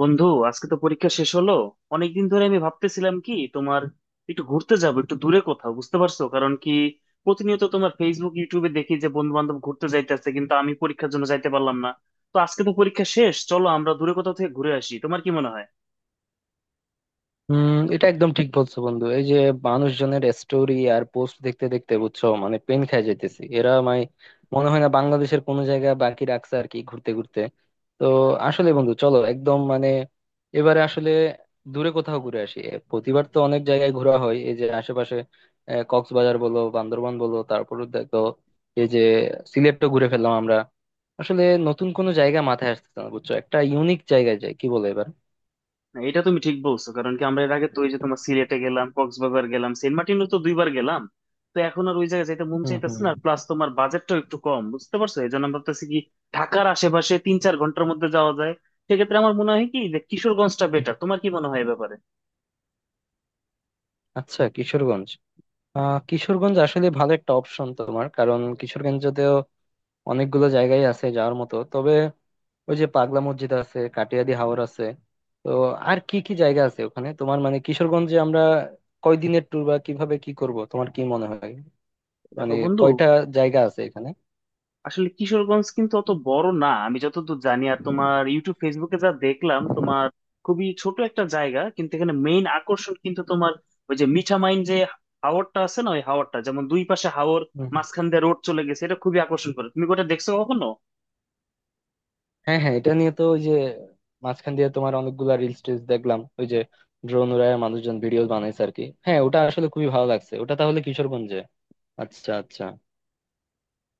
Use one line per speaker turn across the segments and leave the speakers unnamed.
বন্ধু, আজকে তো পরীক্ষা শেষ হলো। অনেকদিন ধরে আমি ভাবতেছিলাম কি তোমার, একটু ঘুরতে যাবো একটু দূরে কোথাও, বুঝতে পারছো কারণ কি, প্রতিনিয়ত তোমার ফেসবুক ইউটিউবে দেখি যে বন্ধু বান্ধব ঘুরতে যাইতেছে কিন্তু আমি পরীক্ষার জন্য যাইতে পারলাম না। তো আজকে তো পরীক্ষা শেষ, চলো আমরা দূরে কোথাও থেকে ঘুরে আসি, তোমার কি মনে হয়?
হুম এটা একদম ঠিক বলছো বন্ধু, এই যে মানুষজনের স্টোরি আর পোস্ট দেখতে দেখতে বুঝছো, মানে পেন খাই যাইতেছি এরা। মানে মনে হয় না বাংলাদেশের কোনো জায়গা বাকি রাখছে আর কি, ঘুরতে ঘুরতে। তো আসলে বন্ধু চলো একদম, মানে এবারে আসলে দূরে কোথাও ঘুরে আসি। প্রতিবার তো অনেক জায়গায় ঘোরা হয় এই যে আশেপাশে। কক্সবাজার বলো, বান্দরবান বলো, তারপরে দেখো এই যে সিলেটও ঘুরে ফেললাম আমরা। আসলে নতুন কোনো জায়গা মাথায় আসতেছে না বুঝছো, একটা ইউনিক জায়গায় যাই কি বলে এবার।
না, এটা তুমি ঠিক বলছো, কারণ কি আমরা এর আগে তো ওই যে তোমার সিলেটে গেলাম, কক্সবাজার গেলাম, সেন্ট মার্টিনও তো 2 বার গেলাম। তো এখন আর ওই জায়গায় যেতে মন
হুম
চাইতেছে
হুম
না, প্লাস তোমার বাজেটটাও একটু কম, বুঝতে পারছো, এই জন্য আমরা ভাবতেছি কি ঢাকার আশেপাশে 3-4 ঘন্টার মধ্যে যাওয়া যায়। সেক্ষেত্রে আমার মনে হয় কি যে কিশোরগঞ্জটা বেটার, তোমার কি মনে হয় এ ব্যাপারে?
আচ্ছা কিশোরগঞ্জ। কিশোরগঞ্জ আসলে ভালো একটা অপশন তোমার, কারণ কিশোরগঞ্জতেও অনেকগুলো জায়গায় আছে যাওয়ার মতো। তবে ওই যে পাগলা মসজিদ আছে, কাটিয়াদি হাওর আছে। তো আর কি কি জায়গা আছে ওখানে তোমার, মানে কিশোরগঞ্জে আমরা কয়দিনের ট্যুর বা কিভাবে কি করব, তোমার কি মনে হয়? মানে
দেখো বন্ধু,
কয়টা জায়গা আছে এখানে?
আসলে কিশোরগঞ্জ কিন্তু অত বড় না আমি যতদূর জানি, আর তোমার ইউটিউব ফেসবুকে যা দেখলাম, তোমার খুবই ছোট একটা জায়গা, কিন্তু এখানে মেইন আকর্ষণ কিন্তু তোমার ওই যে মিঠামাইন, যে হাওরটা আছে না, ওই হাওরটা, যেমন দুই পাশে হাওর,
হুম।
মাঝখান দিয়ে রোড চলে গেছে, এটা খুবই আকর্ষণ করে, তুমি কি ওটা দেখছো কখনো?
হ্যাঁ হ্যাঁ, এটা নিয়ে তো ওই যে মাঝখান দিয়ে তোমার অনেকগুলা রিলস টিলস দেখলাম, ওই যে ড্রোন উড়ায় মানুষজন ভিডিও বানাইছে আর কি। হ্যাঁ, ওটা আসলে খুবই ভালো লাগছে। ওটা তাহলে কিশোরগঞ্জে। আচ্ছা আচ্ছা।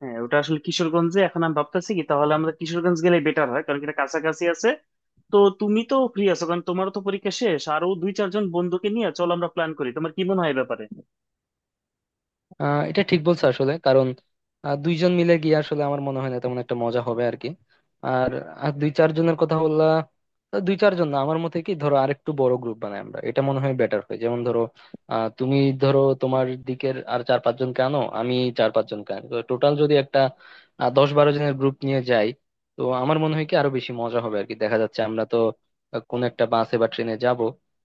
হ্যাঁ, ওটা আসলে কিশোরগঞ্জে। এখন আমি ভাবতেছি কি, তাহলে আমরা কিশোরগঞ্জ গেলে বেটার হয়, কারণ কি এটা কাছাকাছি আছে। তো তুমি তো ফ্রি আছো, কারণ তোমারও তো পরীক্ষা শেষ, আরো দুই চারজন বন্ধুকে নিয়ে চলো আমরা প্ল্যান করি, তোমার কি মনে হয় এ ব্যাপারে?
এটা ঠিক বলছো আসলে, কারণ দুইজন মিলে গিয়ে আসলে আমার মনে হয় না তেমন একটা মজা হবে আর কি। আর আর দুই চারজনের কথা বললা। তা দুই চারজন না, আমার মতে কি ধরো আরেকটু বড় গ্রুপ বানাই আমরা, এটা মনে হয় বেটার হয়। যেমন ধরো, তুমি ধরো তোমার দিকের আর চার পাঁচজনকে আনো, আমি চার পাঁচজনকে আনি, তো টোটাল যদি একটা 10-12 জনের গ্রুপ নিয়ে যাই, তো আমার মনে হয় কি আরো বেশি মজা হবে আর কি। দেখা যাচ্ছে আমরা তো কোনো একটা বাসে বা ট্রেনে যাব,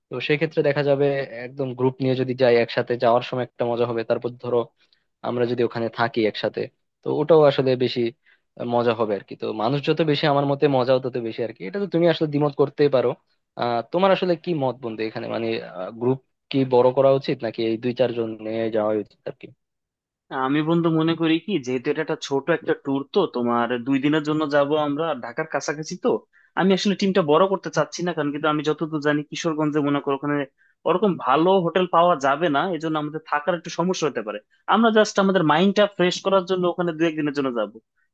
তো সেক্ষেত্রে দেখা যাবে একদম গ্রুপ নিয়ে যদি যাই, একসাথে যাওয়ার সময় একটা মজা হবে। তারপর ধরো আমরা যদি ওখানে থাকি একসাথে, তো ওটাও আসলে বেশি মজা হবে আর কি। তো মানুষ যত বেশি আমার মতে মজাও তত বেশি আর কি। এটা তো তুমি আসলে দ্বিমত করতেই পারো। তোমার আসলে কি মত বন্ধু এখানে, মানে গ্রুপ কি বড় করা উচিত, নাকি এই দুই চারজন নিয়ে যাওয়া উচিত আর কি?
আমি বন্ধু মনে করি কি, যেহেতু এটা একটা ছোট একটা ট্যুর, তো তোমার 2 দিনের জন্য যাব আমরা, ঢাকার কাছাকাছি, তো আমি আসলে টিমটা বড় করতে চাচ্ছি না, কারণ কিন্তু আমি যতদূর জানি কিশোরগঞ্জে, মনে করো ওখানে ওরকম ভালো হোটেল পাওয়া যাবে না, এজন্য আমাদের থাকার একটু সমস্যা হতে পারে। আমরা জাস্ট আমাদের মাইন্ডটা ফ্রেশ করার জন্য ওখানে দু একদিনের জন্য যাব,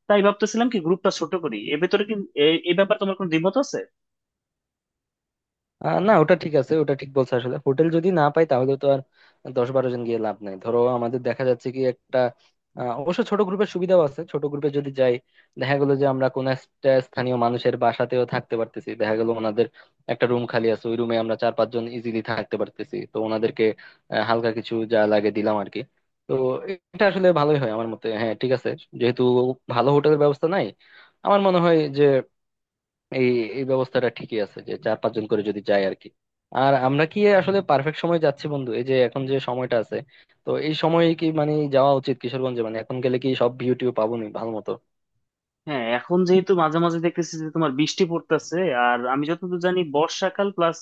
তাই ভাবতেছিলাম কি গ্রুপটা ছোট করি, এ ভেতরে কি এ এ ব্যাপারে তোমার কোনো দ্বিমত আছে?
না, ওটা ঠিক আছে, ওটা ঠিক বলছো আসলে। হোটেল যদি না পাই তাহলে তো আর দশ বারো জন গিয়ে লাভ নাই। ধরো আমাদের দেখা যাচ্ছে কি একটা অবশ্য ছোট গ্রুপের সুবিধাও আছে। ছোট গ্রুপে যদি যাই দেখা গেলো যে আমরা কোন একটা স্থানীয় মানুষের বাসাতেও থাকতে পারতেছি। দেখা গেলো ওনাদের একটা রুম খালি আছে, ওই রুমে আমরা চার পাঁচজন ইজিলি থাকতে পারতেছি। তো ওনাদেরকে হালকা কিছু যা লাগে দিলাম আর কি। তো এটা আসলে ভালোই হয় আমার মতে। হ্যাঁ ঠিক আছে, যেহেতু ভালো হোটেলের ব্যবস্থা নাই, আমার মনে হয় যে এই এই ব্যবস্থাটা ঠিকই আছে, যে চার পাঁচজন করে যদি যায় আর কি। আর আমরা কি আসলে পারফেক্ট সময় যাচ্ছি বন্ধু, এই যে এখন যে সময়টা আছে? তো এই সময়ে কি মানে যাওয়া উচিত কিশোরগঞ্জে, মানে এখন গেলে কি সব ভিউ টিউ পাবো নি ভালো মতো?
হ্যাঁ, এখন যেহেতু মাঝে মাঝে দেখতেছি যে তোমার বৃষ্টি পড়তেছে, আর আমি যতদূর জানি বর্ষাকাল, প্লাস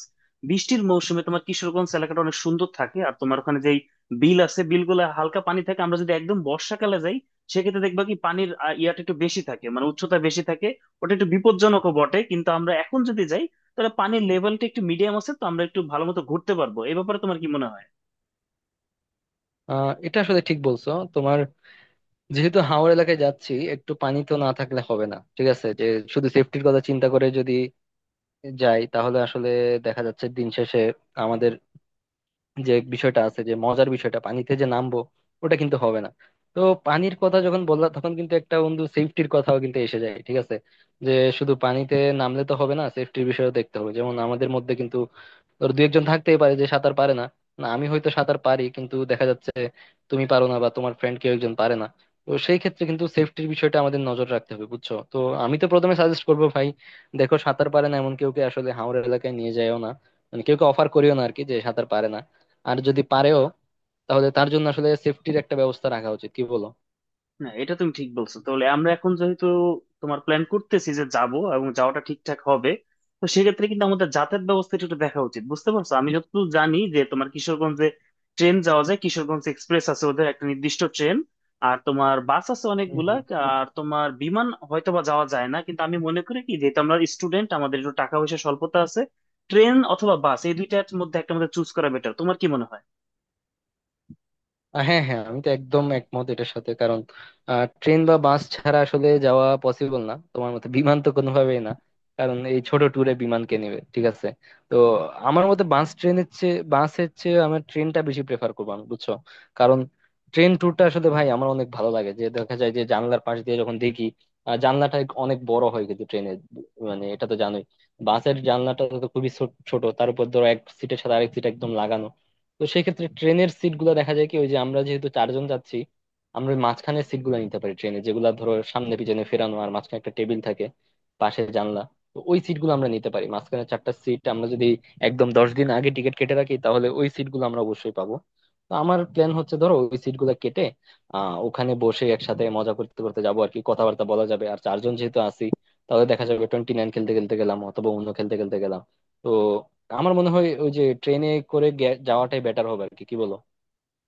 বৃষ্টির মৌসুমে তোমার কিশোরগঞ্জ এলাকাটা অনেক সুন্দর থাকে, আর তোমার ওখানে যেই বিল আছে, বিলগুলো হালকা পানি থাকে, আমরা যদি একদম বর্ষাকালে যাই, সেক্ষেত্রে দেখবা কি পানির ইয়াটা একটু বেশি থাকে, মানে উচ্চতা বেশি থাকে, ওটা একটু বিপজ্জনকও বটে। কিন্তু আমরা এখন যদি যাই, তাহলে পানির লেভেলটা একটু মিডিয়াম আছে, তো আমরা একটু ভালো মতো ঘুরতে পারবো, এই ব্যাপারে তোমার কি মনে হয়?
এটা আসলে ঠিক বলছো তোমার। যেহেতু হাওড় এলাকায় যাচ্ছি, একটু পানি তো না থাকলে হবে না। ঠিক আছে, যে শুধু সেফটির কথা চিন্তা করে যদি যাই, তাহলে আসলে দেখা যাচ্ছে দিন শেষে আমাদের যে বিষয়টা আছে, যে মজার বিষয়টা পানিতে যে নামবো, ওটা কিন্তু হবে না। তো পানির কথা যখন বললাম, তখন কিন্তু একটা বন্ধু সেফটির কথাও কিন্তু এসে যায়। ঠিক আছে, যে শুধু পানিতে নামলে তো হবে না, সেফটির বিষয়ও দেখতে হবে। যেমন আমাদের মধ্যে কিন্তু ধর দু একজন থাকতেই পারে যে সাঁতার পারে না। না, আমি হয়তো সাঁতার পারি, কিন্তু দেখা যাচ্ছে তুমি পারো না, বা তোমার ফ্রেন্ড কেউ একজন পারে না। তো সেই ক্ষেত্রে কিন্তু সেফটির বিষয়টা আমাদের নজর রাখতে হবে বুঝছো। তো আমি তো প্রথমে সাজেস্ট করবো ভাই, দেখো, সাঁতার পারে না এমন কেউকে আসলে হাওর এলাকায় নিয়ে যায়ও না, মানে কেউকে অফার করিও না আর কি যে সাঁতার পারে না। আর যদি পারেও, তাহলে তার জন্য আসলে সেফটির একটা ব্যবস্থা রাখা উচিত, কি বলো?
না, এটা তুমি ঠিক বলছো। তাহলে আমরা এখন যেহেতু তোমার প্ল্যান করতেছি যে যাব, এবং যাওয়াটা ঠিকঠাক হবে, তো সেক্ষেত্রে কিন্তু আমাদের যাতায়াত ব্যবস্থাটা একটু দেখা উচিত, বুঝতে পারছো। আমি যতদূর জানি যে তোমার কিশোরগঞ্জে ট্রেন যাওয়া যায়, কিশোরগঞ্জ এক্সপ্রেস আছে, ওদের একটা নির্দিষ্ট ট্রেন, আর তোমার বাস আছে অনেকগুলা, আর তোমার বিমান হয়তোবা যাওয়া যায় না, কিন্তু আমি মনে করি কি যেহেতু আমরা স্টুডেন্ট, আমাদের একটু টাকা পয়সা স্বল্পতা আছে, ট্রেন অথবা বাস এই দুইটার মধ্যে একটা আমাদের চুজ করা বেটার, তোমার কি মনে হয়?
হ্যাঁ হ্যাঁ, আমি তো একদম একমত এটার সাথে। কারণ ট্রেন বা বাস ছাড়া আসলে যাওয়া পসিবল না তোমার মতে, বিমান তো কোনোভাবেই না, কারণ এই ছোট ট্যুরে বিমান কে নেবে। ঠিক আছে, তো আমার মতে বাস ট্রেনের চেয়ে, বাসের চেয়ে আমার ট্রেনটা বেশি প্রেফার করবো আমি বুঝছো। কারণ ট্রেন ট্যুরটা আসলে ভাই আমার অনেক ভালো লাগে, যে দেখা যায় যে জানলার পাশ দিয়ে যখন দেখি জানলাটা অনেক বড় হয় কিন্তু ট্রেনের, মানে এটা তো জানোই। বাসের জানলাটা তো খুবই ছোট ছোট, তার উপর ধরো এক সিটের সাথে আরেক সিট একদম লাগানো। তো সেই ক্ষেত্রে ট্রেনের সিট গুলো দেখা যায় কি, ওই যে আমরা যেহেতু চারজন যাচ্ছি, আমরা ওই মাঝখানের সিট গুলো নিতে পারি ট্রেনে, যেগুলা ধরো সামনে পিছনে ফেরানো আর মাঝখানে একটা টেবিল থাকে, পাশে জানলা। তো ওই সিট গুলো আমরা নিতে পারি। মাঝখানে চারটা সিট আমরা যদি একদম 10 দিন আগে টিকিট কেটে রাখি, তাহলে ওই সিট গুলো আমরা অবশ্যই পাবো। তো আমার প্ল্যান হচ্ছে ধরো ওই সিট গুলা কেটে ওখানে বসে একসাথে মজা করতে করতে যাবো আর কি, কথাবার্তা বলা যাবে। আর চারজন যেহেতু আছি, তাহলে দেখা যাবে 29 খেলতে খেলতে গেলাম, অথবা অন্য খেলতে খেলতে গেলাম। তো আমার মনে হয় ওই যে ট্রেনে করে যাওয়াটাই বেটার হবে আর কি, কি বলো?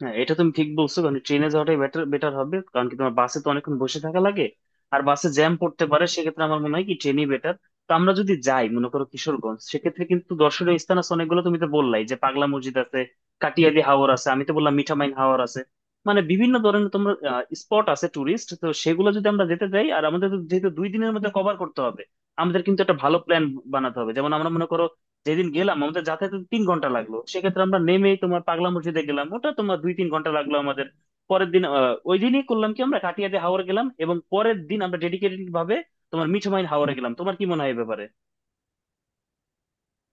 হ্যাঁ, এটা তুমি ঠিক বলছো, কারণ ট্রেনে যাওয়াটাই বেটার বেটার হবে, কারণ কি তোমার বাসে তো অনেকক্ষণ বসে থাকা লাগে, আর বাসে জ্যাম পড়তে পারে, সেক্ষেত্রে আমার মনে হয় কি ট্রেনই বেটার। তো আমরা যদি যাই মনে করো কিশোরগঞ্জ, সেক্ষেত্রে কিন্তু দর্শনীয় স্থান আছে অনেকগুলো, তুমি তো বললাই যে পাগলা মসজিদ আছে, কাটিয়াদি হাওর আছে, আমি তো বললাম মিঠামাইন হাওর আছে, মানে বিভিন্ন ধরনের তোমার স্পট আছে টুরিস্ট। তো সেগুলো যদি আমরা যেতে যাই, আর আমাদের তো যেহেতু 2 দিনের মধ্যে কভার করতে হবে, আমাদের কিন্তু একটা ভালো প্ল্যান বানাতে হবে। যেমন আমরা মনে করো যেদিন গেলাম, আমাদের যাতায়াতে 3 ঘন্টা লাগলো, সেক্ষেত্রে আমরা নেমে তোমার পাগলা মসজিদে গেলাম, ওটা তোমার 2-3 ঘন্টা লাগলো আমাদের, পরের দিন ওই দিনই করলাম কি আমরা কাটিয়া দিয়ে হাওড় গেলাম, এবং পরের দিন আমরা ডেডিকেটেড ভাবে তোমার মিঠুমাইন হাওড়ে গেলাম, তোমার কি মনে হয় এই ব্যাপারে?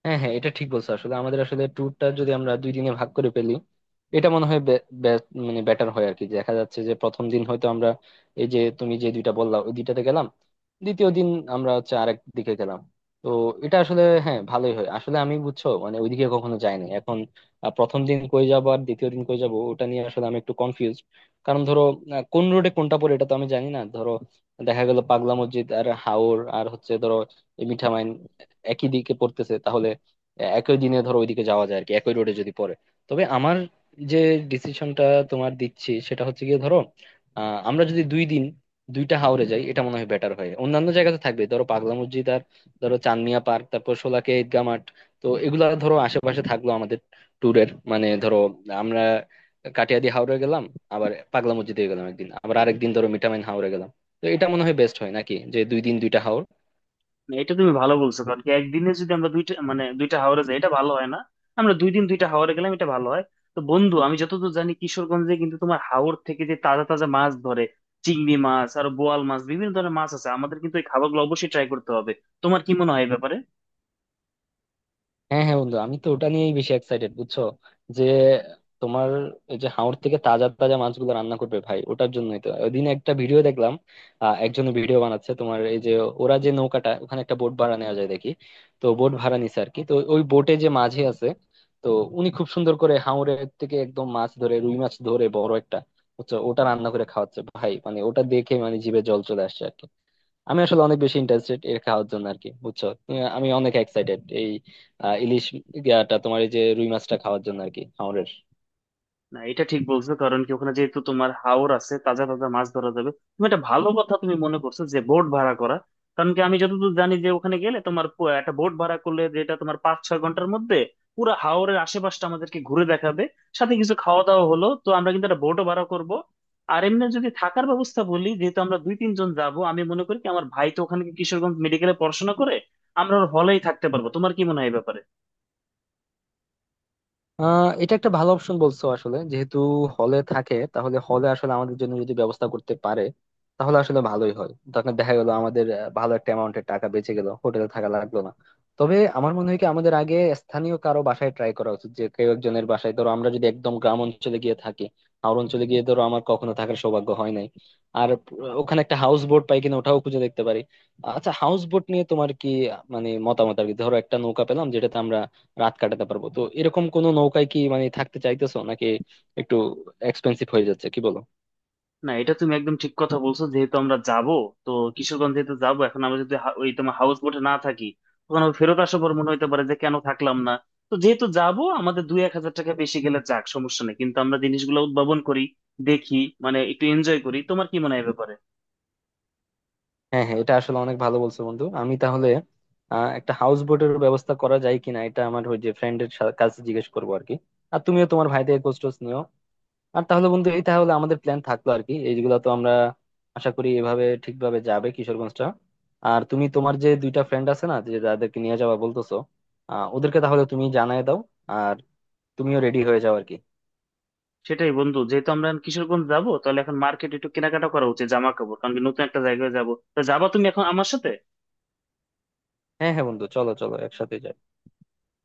হ্যাঁ হ্যাঁ, এটা ঠিক বলছো আসলে। আমাদের আসলে ট্যুরটা যদি আমরা দুই দিনে ভাগ করে ফেলি, এটা মনে হয় বে- বে- মানে বেটার হয় আর কি। দেখা যাচ্ছে যে প্রথম দিন হয়তো আমরা এই যে তুমি যে দুইটা বললা ওই দুইটাতে গেলাম, দ্বিতীয় দিন আমরা হচ্ছে আরেক দিকে গেলাম। তো এটা আসলে হ্যাঁ, ভালোই হয় আসলে আমি বুঝছো, মানে ওইদিকে কখনো যাইনি এখন। প্রথম দিন কই যাবো আর দ্বিতীয় দিন কই যাবো, ওটা নিয়ে আসলে আমি একটু কনফিউজ। কারণ ধরো কোন রোডে কোনটা পড়ে এটা তো আমি জানি না। ধরো দেখা গেল পাগলা মসজিদ আর হাওর আর হচ্ছে ধরো এই মিঠামাইন একই দিকে পড়তেছে, তাহলে একই দিনে ধরো ওইদিকে যাওয়া যায় আর কি, একই রোডে যদি পড়ে। তবে আমার যে ডিসিশনটা তোমার দিচ্ছি, সেটা হচ্ছে গিয়ে ধরো আমরা যদি 2 দিন দুইটা হাওরে যাই, এটা মনে হয় বেটার হয়। অন্যান্য জায়গাতে থাকবে ধরো পাগলা মসজিদ, আর ধরো চান্দনিয়া পার্ক, তারপর শোলাকিয়া ঈদগাহ মাঠ। তো এগুলা ধরো আশেপাশে থাকলো আমাদের ট্যুরের, মানে ধরো আমরা কাটিয়াদি হাওরে গেলাম, আবার পাগলা মসজিদে গেলাম একদিন, আবার আরেকদিন ধরো মিঠামইন হাওরে গেলাম। তো এটা মনে হয় বেস্ট হয় নাকি, যে দুই দিন দুইটা হাওর?
না, এটা তুমি ভালো বলছো, কারণ কি একদিনে যদি আমরা দুইটা, মানে দুইটা হাওড়ে যাই এটা ভালো হয় না, আমরা 2 দিন দুইটা হাওড়ে গেলাম এটা ভালো হয়। তো বন্ধু, আমি যতদূর জানি কিশোরগঞ্জে কিন্তু তোমার হাওর থেকে যে তাজা তাজা মাছ ধরে, চিংড়ি মাছ আর বোয়াল মাছ বিভিন্ন ধরনের মাছ আছে, আমাদের কিন্তু এই খাবারগুলো অবশ্যই ট্রাই করতে হবে, তোমার কি মনে হয় এই ব্যাপারে?
হ্যাঁ হ্যাঁ বন্ধু, আমি তো ওটা নিয়েই বেশি এক্সাইটেড বুঝছো, যে তোমার এই যে হাওর থেকে তাজা তাজা মাছগুলো রান্না করবে ভাই, ওটার জন্যই তো ওই দিন একটা ভিডিও দেখলাম। একজন ভিডিও বানাচ্ছে তোমার, এই যে ওরা যে নৌকাটা, ওখানে একটা বোট ভাড়া নেওয়া যায় দেখি। তো বোট ভাড়া নিছে আর কি, তো ওই বোটে যে মাঝি আছে, তো উনি খুব সুন্দর করে হাওরের থেকে একদম মাছ ধরে, রুই মাছ ধরে বড় একটা, বুঝছো, ওটা রান্না করে খাওয়াচ্ছে ভাই। মানে ওটা দেখে মানে জিভে জল চলে আসছে আর কি। আমি আসলে অনেক বেশি ইন্টারেস্টেড এর খাওয়ার জন্য আর কি বুঝছো। আমি অনেক এক্সাইটেড এই আহ, ইলিশ ইয়াটা তোমার, এই যে রুই মাছটা খাওয়ার জন্য আর কি।
না, এটা ঠিক বলছো, কারণ কি ওখানে যেহেতু তোমার হাওর আছে, তাজা তাজা মাছ ধরা যাবে। তুমি একটা ভালো কথা তুমি মনে করছো যে বোট ভাড়া করা, কারণ কি আমি যতদূর জানি যে ওখানে গেলে তোমার একটা বোট ভাড়া করলে, যেটা তোমার 5-6 ঘন্টার মধ্যে পুরো হাওরের আশেপাশটা আমাদেরকে ঘুরে দেখাবে, সাথে কিছু খাওয়া দাওয়া হলো, তো আমরা কিন্তু একটা বোটও ভাড়া করব। আর এমনি যদি থাকার ব্যবস্থা বলি, যেহেতু আমরা 2-3 জন যাব, আমি মনে করি কি আমার ভাই তো ওখানে কিশোরগঞ্জ মেডিকেলে পড়াশোনা করে, আমরা ওর হলেই থাকতে পারবো, তোমার কি মনে হয় এই ব্যাপারে?
এটা একটা ভালো অপশন বলছো আসলে, যেহেতু হলে থাকে, তাহলে হলে আসলে আমাদের জন্য যদি ব্যবস্থা করতে পারে, তাহলে আসলে ভালোই হয়। তখন দেখা গেল আমাদের ভালো একটা অ্যামাউন্টের টাকা বেঁচে গেল, হোটেলে থাকা লাগলো না। তবে আমার মনে হয় কি আমাদের আগে স্থানীয় কারো বাসায় ট্রাই করা উচিত, যে কেউ একজনের বাসায়। ধরো আমরা যদি একদম গ্রাম অঞ্চলে গিয়ে থাকি, আর অঞ্চলে গিয়ে ধরো আমার কখনো থাকার সৌভাগ্য হয় নাই। আর ওখানে একটা হাউস বোট পাই কিনা ওটাও খুঁজে দেখতে পারি। আচ্ছা হাউস বোট নিয়ে তোমার কি মানে মতামত আর কি? ধরো একটা নৌকা পেলাম যেটাতে আমরা রাত কাটাতে পারবো, তো এরকম কোনো নৌকায় কি মানে থাকতে চাইতেছো নাকি? একটু এক্সপেন্সিভ হয়ে যাচ্ছে কি বলো?
না, এটা তুমি একদম ঠিক কথা বলছো। যেহেতু আমরা যাব, তো কিশোরগঞ্জ যেহেতু যাবো, এখন আমরা যদি ওই তোমার হাউস বোটে না থাকি, তখন আবার ফেরত আসার পর মনে হতে পারে যে কেন থাকলাম না। তো যেহেতু যাব, আমাদের 1-2 হাজার টাকা বেশি গেলে যাক, সমস্যা নেই, কিন্তু আমরা জিনিসগুলো উদ্ভাবন করি, দেখি, মানে একটু এনজয় করি, তোমার কি মনে হয় এ ব্যাপারে?
হ্যাঁ হ্যাঁ, এটা আসলে অনেক ভালো বলছো বন্ধু। আমি তাহলে একটা হাউস বোটের ব্যবস্থা করা যায় কিনা এটা আমার ওই যে ফ্রেন্ডের কাছে জিজ্ঞেস করবো আর কি। আর তুমিও তোমার ভাইদের খোঁজ টোজ নিও। আর তাহলে বন্ধু, এই তাহলে আমাদের প্ল্যান থাকলো আর কি, এইগুলা তো আমরা আশা করি এভাবে ঠিকভাবে যাবে কিশোরগঞ্জটা। আর তুমি তোমার যে দুইটা ফ্রেন্ড আছে না, যে যাদেরকে নিয়ে যাওয়া বলতেছো, ওদেরকে তাহলে তুমি জানায় দাও, আর তুমিও রেডি হয়ে যাও আর কি।
সেটাই বন্ধু, যেহেতু আমরা এখন কিশোরগঞ্জ যাবো, তাহলে এখন মার্কেট একটু কেনাকাটা করা উচিত, জামা কাপড়, কারণ কি নতুন একটা জায়গায় যাবো, তো যাবা তুমি এখন আমার সাথে?
হ্যাঁ হ্যাঁ বন্ধু, চলো চলো একসাথে যাই।